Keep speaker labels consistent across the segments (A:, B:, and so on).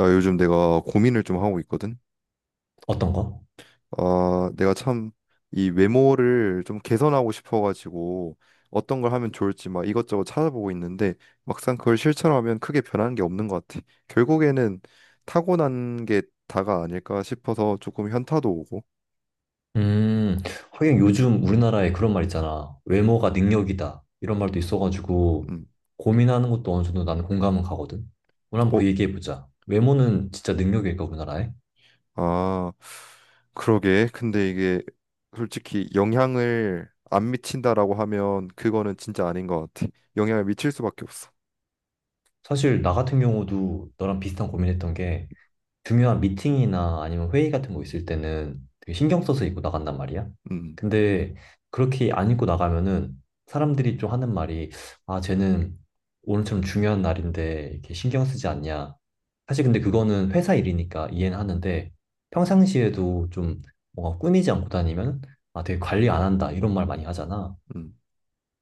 A: 야, 요즘 내가 고민을 좀 하고 있거든.
B: 어떤 거?
A: 아, 내가 참 이 외모를 좀 개선하고 싶어가지고 어떤 걸 하면 좋을지 막 이것저것 찾아보고 있는데 막상 그걸 실천하면 크게 변하는 게 없는 것 같아. 결국에는 타고난 게 다가 아닐까 싶어서 조금 현타도 오고.
B: 음, 하긴 요즘 우리나라에 그런 말 있잖아. 외모가 능력이다. 이런 말도 있어가지고
A: 음.
B: 고민하는 것도 어느 정도 나는 공감은 가거든. 오늘 한번
A: 어,
B: 그 얘기해보자. 외모는 진짜 능력일까, 우리나라에?
A: 아, 그러게. 근데 이게 솔직히 영향을 안 미친다라고 하면 그거는 진짜 아닌 것 같아. 영향을 미칠 수밖에 없어.
B: 사실 나 같은 경우도 너랑 비슷한 고민했던 게 중요한 미팅이나 아니면 회의 같은 거 있을 때는 되게 신경 써서 입고 나간단 말이야.
A: 음.
B: 근데 그렇게 안 입고 나가면은 사람들이 좀 하는 말이, 아, 쟤는 오늘처럼 중요한 날인데 이렇게 신경 쓰지 않냐. 사실 근데 그거는 회사 일이니까 이해는 하는데, 평상시에도 좀 뭔가 꾸미지 않고 다니면 아, 되게 관리 안 한다, 이런 말 많이 하잖아.
A: 음.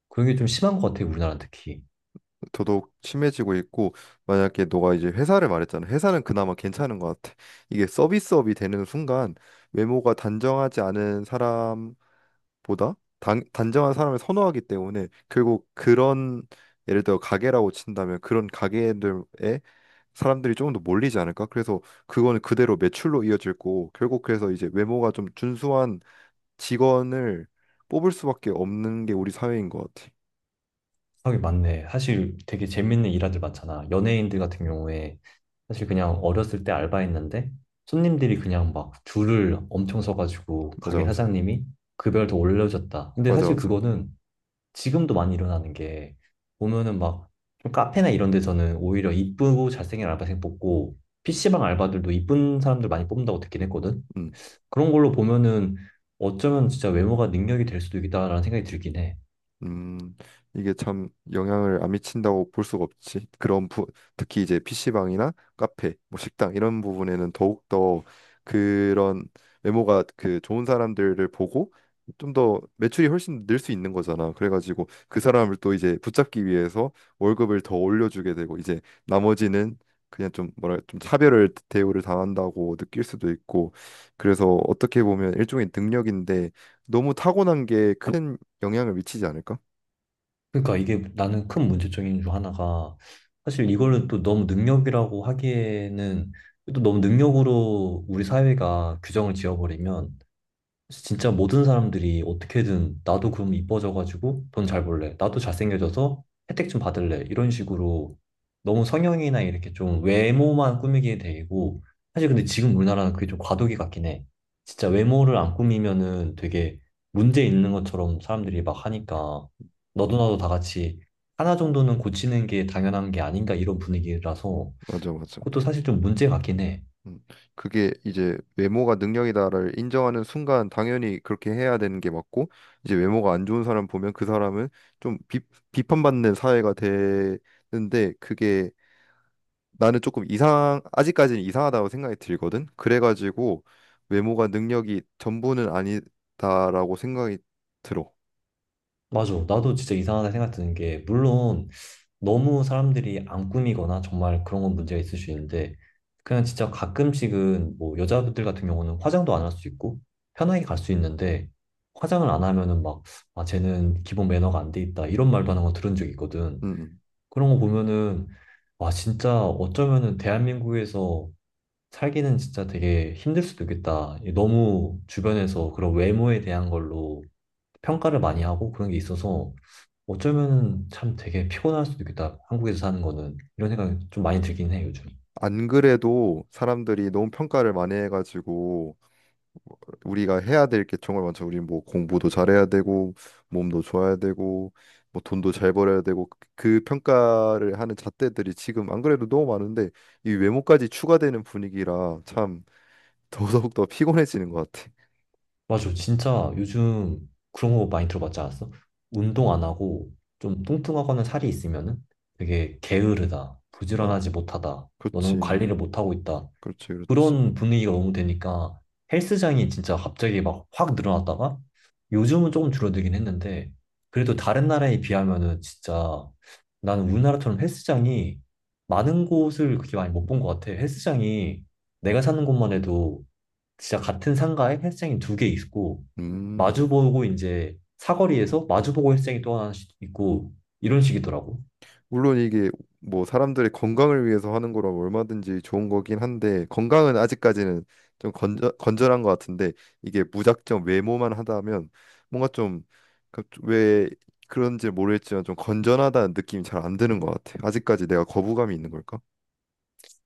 B: 그런 게 좀 심한 것 같아, 우리나라 특히.
A: 더더욱 심해지고 있고 만약에 너가 이제 회사를 말했잖아. 회사는 그나마 괜찮은 것 같아. 이게 서비스업이 되는 순간 외모가 단정하지 않은 사람보다 단정한 사람을 선호하기 때문에 결국 그런 예를 들어 가게라고 친다면 그런 가게들에 사람들이 조금 더 몰리지 않을까? 그래서 그거는 그대로 매출로 이어질 고 결국 그래서 이제 외모가 좀 준수한 직원을 뽑을 수밖에 없는 게 우리 사회인 것 같아.
B: 하긴 맞네. 사실 되게 재밌는 일화들 많잖아. 연예인들 같은 경우에 사실 그냥 어렸을 때 알바했는데 손님들이 그냥 막 줄을 엄청 서가지고
A: 맞아
B: 가게
A: 맞아.
B: 사장님이 급여를 더 올려줬다. 근데
A: 맞아
B: 사실
A: 맞아.
B: 그거는 지금도 많이 일어나는 게, 보면은 막좀 카페나 이런 데서는 오히려 이쁘고 잘생긴 알바생 뽑고, PC방 알바들도 이쁜 사람들 많이 뽑는다고 듣긴 했거든.
A: 음.
B: 그런 걸로 보면은 어쩌면 진짜 외모가 능력이 될 수도 있겠다라는 생각이 들긴 해.
A: 음, 이게 참 영향을 안 미친다고 볼 수가 없지. 특히 이제 PC방이나 카페, 뭐 식당 이런 부분에는 더욱더 그런 외모가 그 좋은 사람들을 보고 좀 더 매출이 훨씬 늘 수 있는 거잖아. 그래가지고 그 사람을 또 이제 붙잡기 위해서 월급을 더 올려주게 되고 이제 나머지는 그냥 좀 뭐랄 좀 차별을 대우를 당한다고 느낄 수도 있고 그래서 어떻게 보면 일종의 능력인데 너무 타고난 게큰 영향을 미치지 않을까?
B: 그러니까 이게, 나는 큰 문제점인 중 하나가, 사실 이거를 또 너무 능력이라고 하기에는, 또 너무 능력으로 우리 사회가 규정을 지어버리면, 그래서 진짜 모든 사람들이 어떻게든, 나도 그럼 이뻐져가지고 돈 잘 벌래, 나도 잘생겨져서 혜택 좀 받을래, 이런 식으로 너무 성형이나 이렇게 좀 외모만 꾸미게 되고. 사실 근데 지금 우리나라는 그게 좀 과도기 같긴 해. 진짜 외모를 안 꾸미면은 되게 문제 있는 것처럼 사람들이 막 하니까, 너도 나도 다 같이 하나 정도는 고치는 게 당연한 게 아닌가, 이런 분위기라서
A: 맞아, 맞아.
B: 그것도 사실 좀 문제 같긴 해.
A: 음. 그게 이제 외모가 능력이다를 인정하는 순간 당연히 그렇게 해야 되는 게 맞고 이제 외모가 안 좋은 사람 보면 그 사람은 좀 비, 비판받는 사회가 되는데 그게 나는 조금 이상 아직까지는 이상하다고 생각이 들거든. 그래가지고 외모가 능력이 전부는 아니다라고 생각이 들어.
B: 맞아. 나도 진짜 이상하다 생각 드는 게, 물론 너무 사람들이 안 꾸미거나 정말 그런 건 문제가 있을 수 있는데, 그냥 진짜 가끔씩은 뭐 여자분들 같은 경우는 화장도 안 할 수 있고 편하게 갈 수 있는데, 화장을 안 하면은 막 아, 쟤는 기본 매너가 안 돼 있다 이런 말도 하는 거 들은 적 있거든.
A: 음. 음.
B: 그런 거 보면은 와 진짜, 어쩌면은 대한민국에서 살기는 진짜 되게 힘들 수도 있겠다. 너무 주변에서 그런 외모에 대한 걸로 평가를 많이 하고 그런 게 있어서 어쩌면 참 되게 피곤할 수도 있겠다. 한국에서 사는 거는. 이런 생각이 좀 많이 들긴 해, 요즘.
A: 안 그래도 사람들이 너무 평가를 많이 해가지고 우리가 해야 될 게 정말 많죠. 우리 뭐 공부도 잘해야 되고 몸도 좋아야 되고 뭐 돈도 잘 벌어야 되고 그 평가를 하는 잣대들이 지금 안 그래도 너무 많은데 이 외모까지 추가되는 분위기라 참 더더욱 더 피곤해지는 것 같아.
B: 맞아. 진짜 요즘 그런 거 많이 들어봤지 않았어? 운동 안 하고 좀 뚱뚱하거나 살이 있으면은 되게 게으르다,
A: 뭐
B: 부지런하지 못하다, 너는
A: 그렇지,
B: 관리를 못하고 있다.
A: 그렇지, 그렇지.
B: 그런 분위기가 너무 되니까 헬스장이 진짜 갑자기 막 확 늘어났다가 요즘은 조금 줄어들긴 했는데, 그래도 다른 나라에 비하면은 진짜 나는 우리나라처럼 헬스장이 많은 곳을 그렇게 많이 못 본 것 같아. 헬스장이 내가 사는 곳만 해도 진짜 같은 상가에 헬스장이 두 개 있고,
A: 음.
B: 마주보고 이제 사거리에서 마주보고 헬스장이 또 하나 있고 이런 식이더라고.
A: 물론 이게 뭐 사람들의 건강을 위해서 하는 거라면 얼마든지 좋은 거긴 한데 건강은 아직까지는 건전한 것 같은데 이게 무작정 외모만 하다면 뭔가 좀 왜 그런지 모르겠지만 좀 건전하다는 느낌이 잘 안 드는 것 같아. 아직까지 내가 거부감이 있는 걸까?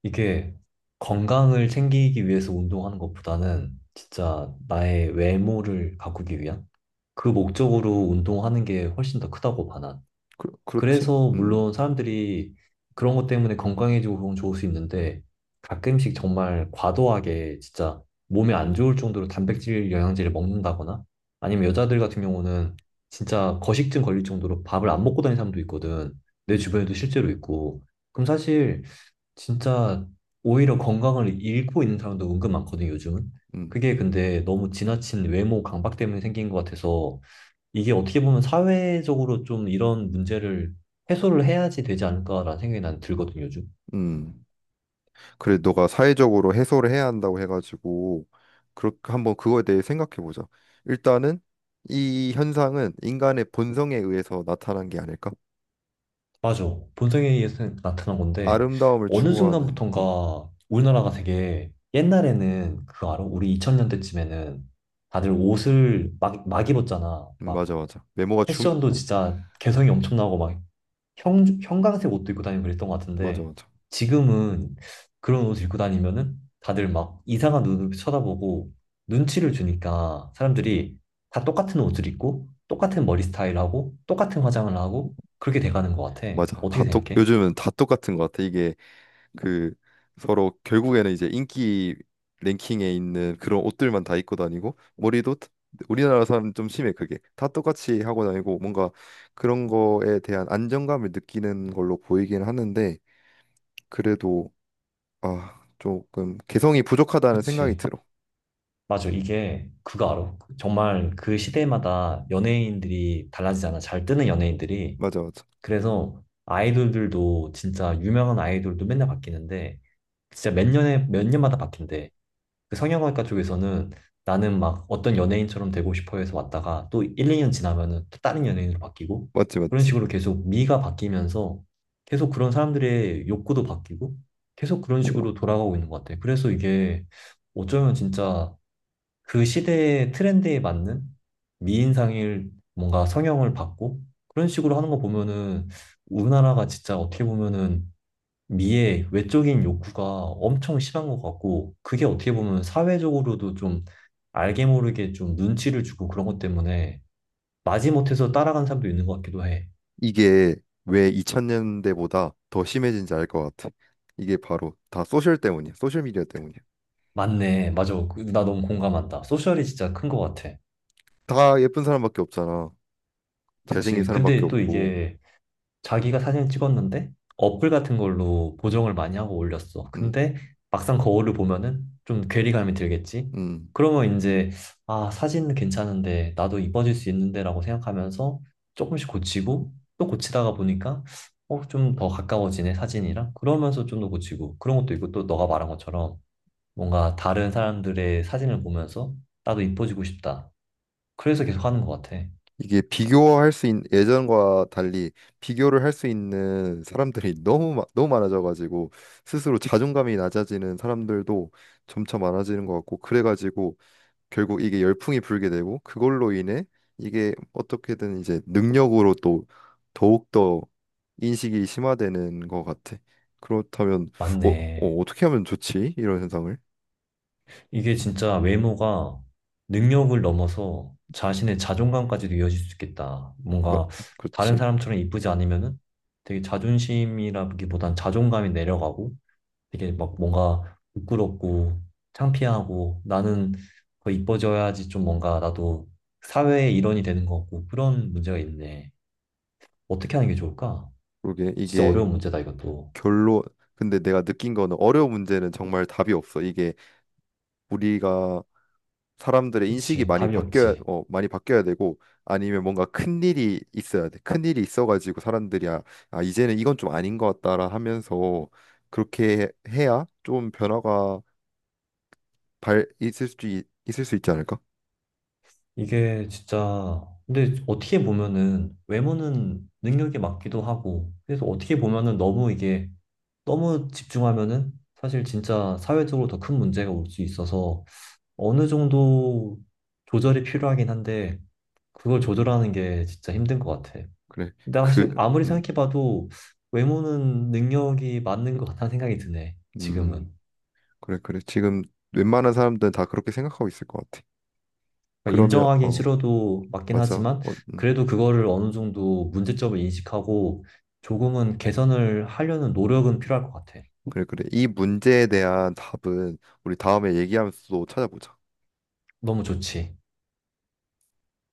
B: 이게 건강을 챙기기 위해서 운동하는 것보다는 진짜 나의 외모를 가꾸기 위한 그 목적으로 운동하는 게 훨씬 더 크다고 봐.
A: 그, 그렇지?
B: 그래서 물론 사람들이 그런 것 때문에 건강해지고 그건 좋을 수 있는데, 가끔씩 정말 과도하게 진짜 몸에 안 좋을 정도로 단백질 영양제를 먹는다거나, 아니면 여자들 같은 경우는 진짜 거식증 걸릴 정도로 밥을 안 먹고 다니는 사람도 있거든. 내 주변에도 실제로 있고. 그럼 사실 진짜 오히려 건강을 잃고 있는 사람도 은근 많거든, 요즘은.
A: 음,
B: 그게 근데 너무 지나친 외모 강박 때문에 생긴 것 같아서, 이게 어떻게 보면 사회적으로 좀 이런 문제를 해소를 해야지 되지 않을까라는 생각이 난 들거든요, 요즘.
A: 음. 그래, 너가 사회적으로 해소를 해야 한다고 해가지고 그렇게 한번 그거에 대해 생각해 보자. 일단은 이 현상은 인간의 본성에 의해서 나타난 게 아닐까?
B: 맞아. 본성에 의해서 나타난 건데,
A: 아름다움을
B: 어느
A: 추구하는
B: 순간부턴가 우리나라가 되게, 옛날에는 그거 알아? 우리 2000년대쯤에는 다들 옷을 막 입었잖아. 막
A: 맞아 맞아. 외모가 중
B: 패션도 진짜 개성이 엄청나고, 막 형광색 옷도 입고 다니고 그랬던 것
A: 맞아
B: 같은데,
A: 맞아.
B: 지금은 그런 옷을 입고 다니면은 다들 막 이상한 눈으로 쳐다보고 눈치를 주니까, 사람들이 다 똑같은 옷을 입고 똑같은 머리 스타일하고 똑같은 화장을 하고 그렇게 돼가는 것 같아.
A: 맞아.
B: 어떻게 생각해?
A: 요즘은 다 똑같은 것 같아. 이게 그 서로 결국에는 이제 인기 랭킹에 있는 그런 옷들만 다 입고 다니고 머리도 다- 우리나라 사람 좀 심해 그게 다 똑같이 하고 다니고 뭔가 그런 거에 대한 안정감을 느끼는 걸로 보이긴 하는데 그래도 아 조금 개성이 부족하다는 생각이
B: 그치.
A: 들어.
B: 맞아. 이게 그거 알아? 정말 그 시대마다 연예인들이 달라지잖아. 잘 뜨는 연예인들이.
A: 맞아 맞아.
B: 그래서 아이돌들도 진짜 유명한 아이돌도 맨날 바뀌는데, 진짜 몇 년에 몇 년마다 바뀐대. 그 성형외과 쪽에서는, 나는 막 어떤 연예인처럼 되고 싶어 해서 왔다가 또 1, 2년 지나면은 또 다른 연예인으로 바뀌고
A: 맞지
B: 그런
A: 맞지.
B: 식으로 계속 미가 바뀌면서 계속 그런 사람들의 욕구도 바뀌고 계속 그런 식으로 돌아가고 있는 것 같아. 그래서 이게, 어쩌면 진짜 그 시대의 트렌드에 맞는 미인상일, 뭔가 성형을 받고 그런 식으로 하는 거 보면은 우리나라가 진짜 어떻게 보면은 미의 외적인 욕구가 엄청 심한 것 같고, 그게 어떻게 보면 사회적으로도 좀 알게 모르게 좀 눈치를 주고 그런 것 때문에 마지못해서 따라간 사람도 있는 것 같기도 해.
A: 이게 왜 2000년대보다 더 심해진지 알 것 같아. 이게 바로 다 소셜 때문이야. 소셜 미디어 때문이야.
B: 맞네. 맞아. 나 너무 공감한다. 소셜이 진짜 큰 것 같아.
A: 다 예쁜 사람밖에 없잖아. 잘생긴
B: 그치.
A: 사람밖에
B: 근데 또
A: 없고.
B: 이게, 자기가 사진을 찍었는데 어플 같은 걸로 보정을 많이 하고 올렸어.
A: 음.
B: 근데 막상 거울을 보면은 좀 괴리감이 들겠지.
A: 음,
B: 그러면 이제 아, 사진은 괜찮은데 나도 이뻐질 수 있는데라고 생각하면서 조금씩 고치고 또 고치다가 보니까 어, 좀 더 가까워지네 사진이랑, 그러면서 좀 더 고치고 그런 것도 있고, 또 너가 말한 것처럼 뭔가 다른 사람들의 사진을 보면서 나도 이뻐지고 싶다. 그래서 계속 하는 것 같아.
A: 이게 비교할 수 있는 예전과 달리 비교를 할 수 있는 사람들이 너무 많아져가지고 스스로 자존감이 낮아지는 사람들도 점차 많아지는 것 같고 그래가지고 결국 이게 열풍이 불게 되고 그걸로 인해 이게 어떻게든 이제 능력으로 또 더욱더 인식이 심화되는 것 같아. 그렇다면
B: 맞네.
A: 어떻게 하면 좋지? 이런 현상을
B: 이게 진짜 외모가 능력을 넘어서 자신의 자존감까지도 이어질 수 있겠다.
A: 막
B: 뭔가 다른
A: 그렇지.
B: 사람처럼 이쁘지 않으면은 되게 자존심이라기보단 자존감이 내려가고 되게 막 뭔가 부끄럽고 창피하고, 나는 더 이뻐져야지 좀 뭔가 나도 사회의 일원이 되는 것 같고, 그런 문제가 있네. 어떻게 하는 게 좋을까?
A: 그게
B: 진짜
A: 이게
B: 어려운 문제다, 이것도.
A: 결론 근데 내가 느낀 거는 어려운 문제는 정말 답이 없어. 이게 우리가 사람들의 인식이
B: 그치,
A: 많이
B: 답이
A: 바뀌어야
B: 없지.
A: 어, 많이 바뀌어야 되고 아니면 뭔가 큰 일이 있어야 돼. 큰 일이 있어가지고 사람들이 아, 아 이제는 이건 좀 아닌 것 같다라 하면서 그렇게 해야 좀 변화가 발 있을 수 있지 않을까?
B: 이게 진짜 근데 어떻게 보면은 외모는 능력에 맞기도 하고, 그래서 어떻게 보면은 너무 이게 너무 집중하면은 사실 진짜 사회적으로 더 큰 문제가 올 수 있어서 어느 정도 조절이 필요하긴 한데, 그걸 조절하는 게 진짜 힘든 것 같아.
A: 그래.
B: 근데
A: 그,
B: 사실 아무리
A: 음,
B: 생각해봐도 외모는 능력이 맞는 것 같다는 생각이 드네, 지금은.
A: 음, 그래, 그래. 지금 웬만한 사람들은 다 그렇게 생각하고 있을 것 같아.
B: 그러니까
A: 그러면,
B: 인정하긴
A: 어,
B: 싫어도 맞긴
A: 맞아.
B: 하지만,
A: 어,
B: 그래도 그거를 어느 정도 문제점을 인식하고 조금은 개선을 하려는 노력은 필요할 것 같아.
A: 그래, 그래. 이 문제에 대한 답은 우리 다음에 얘기하면서 또 찾아보자.
B: 너무 좋지.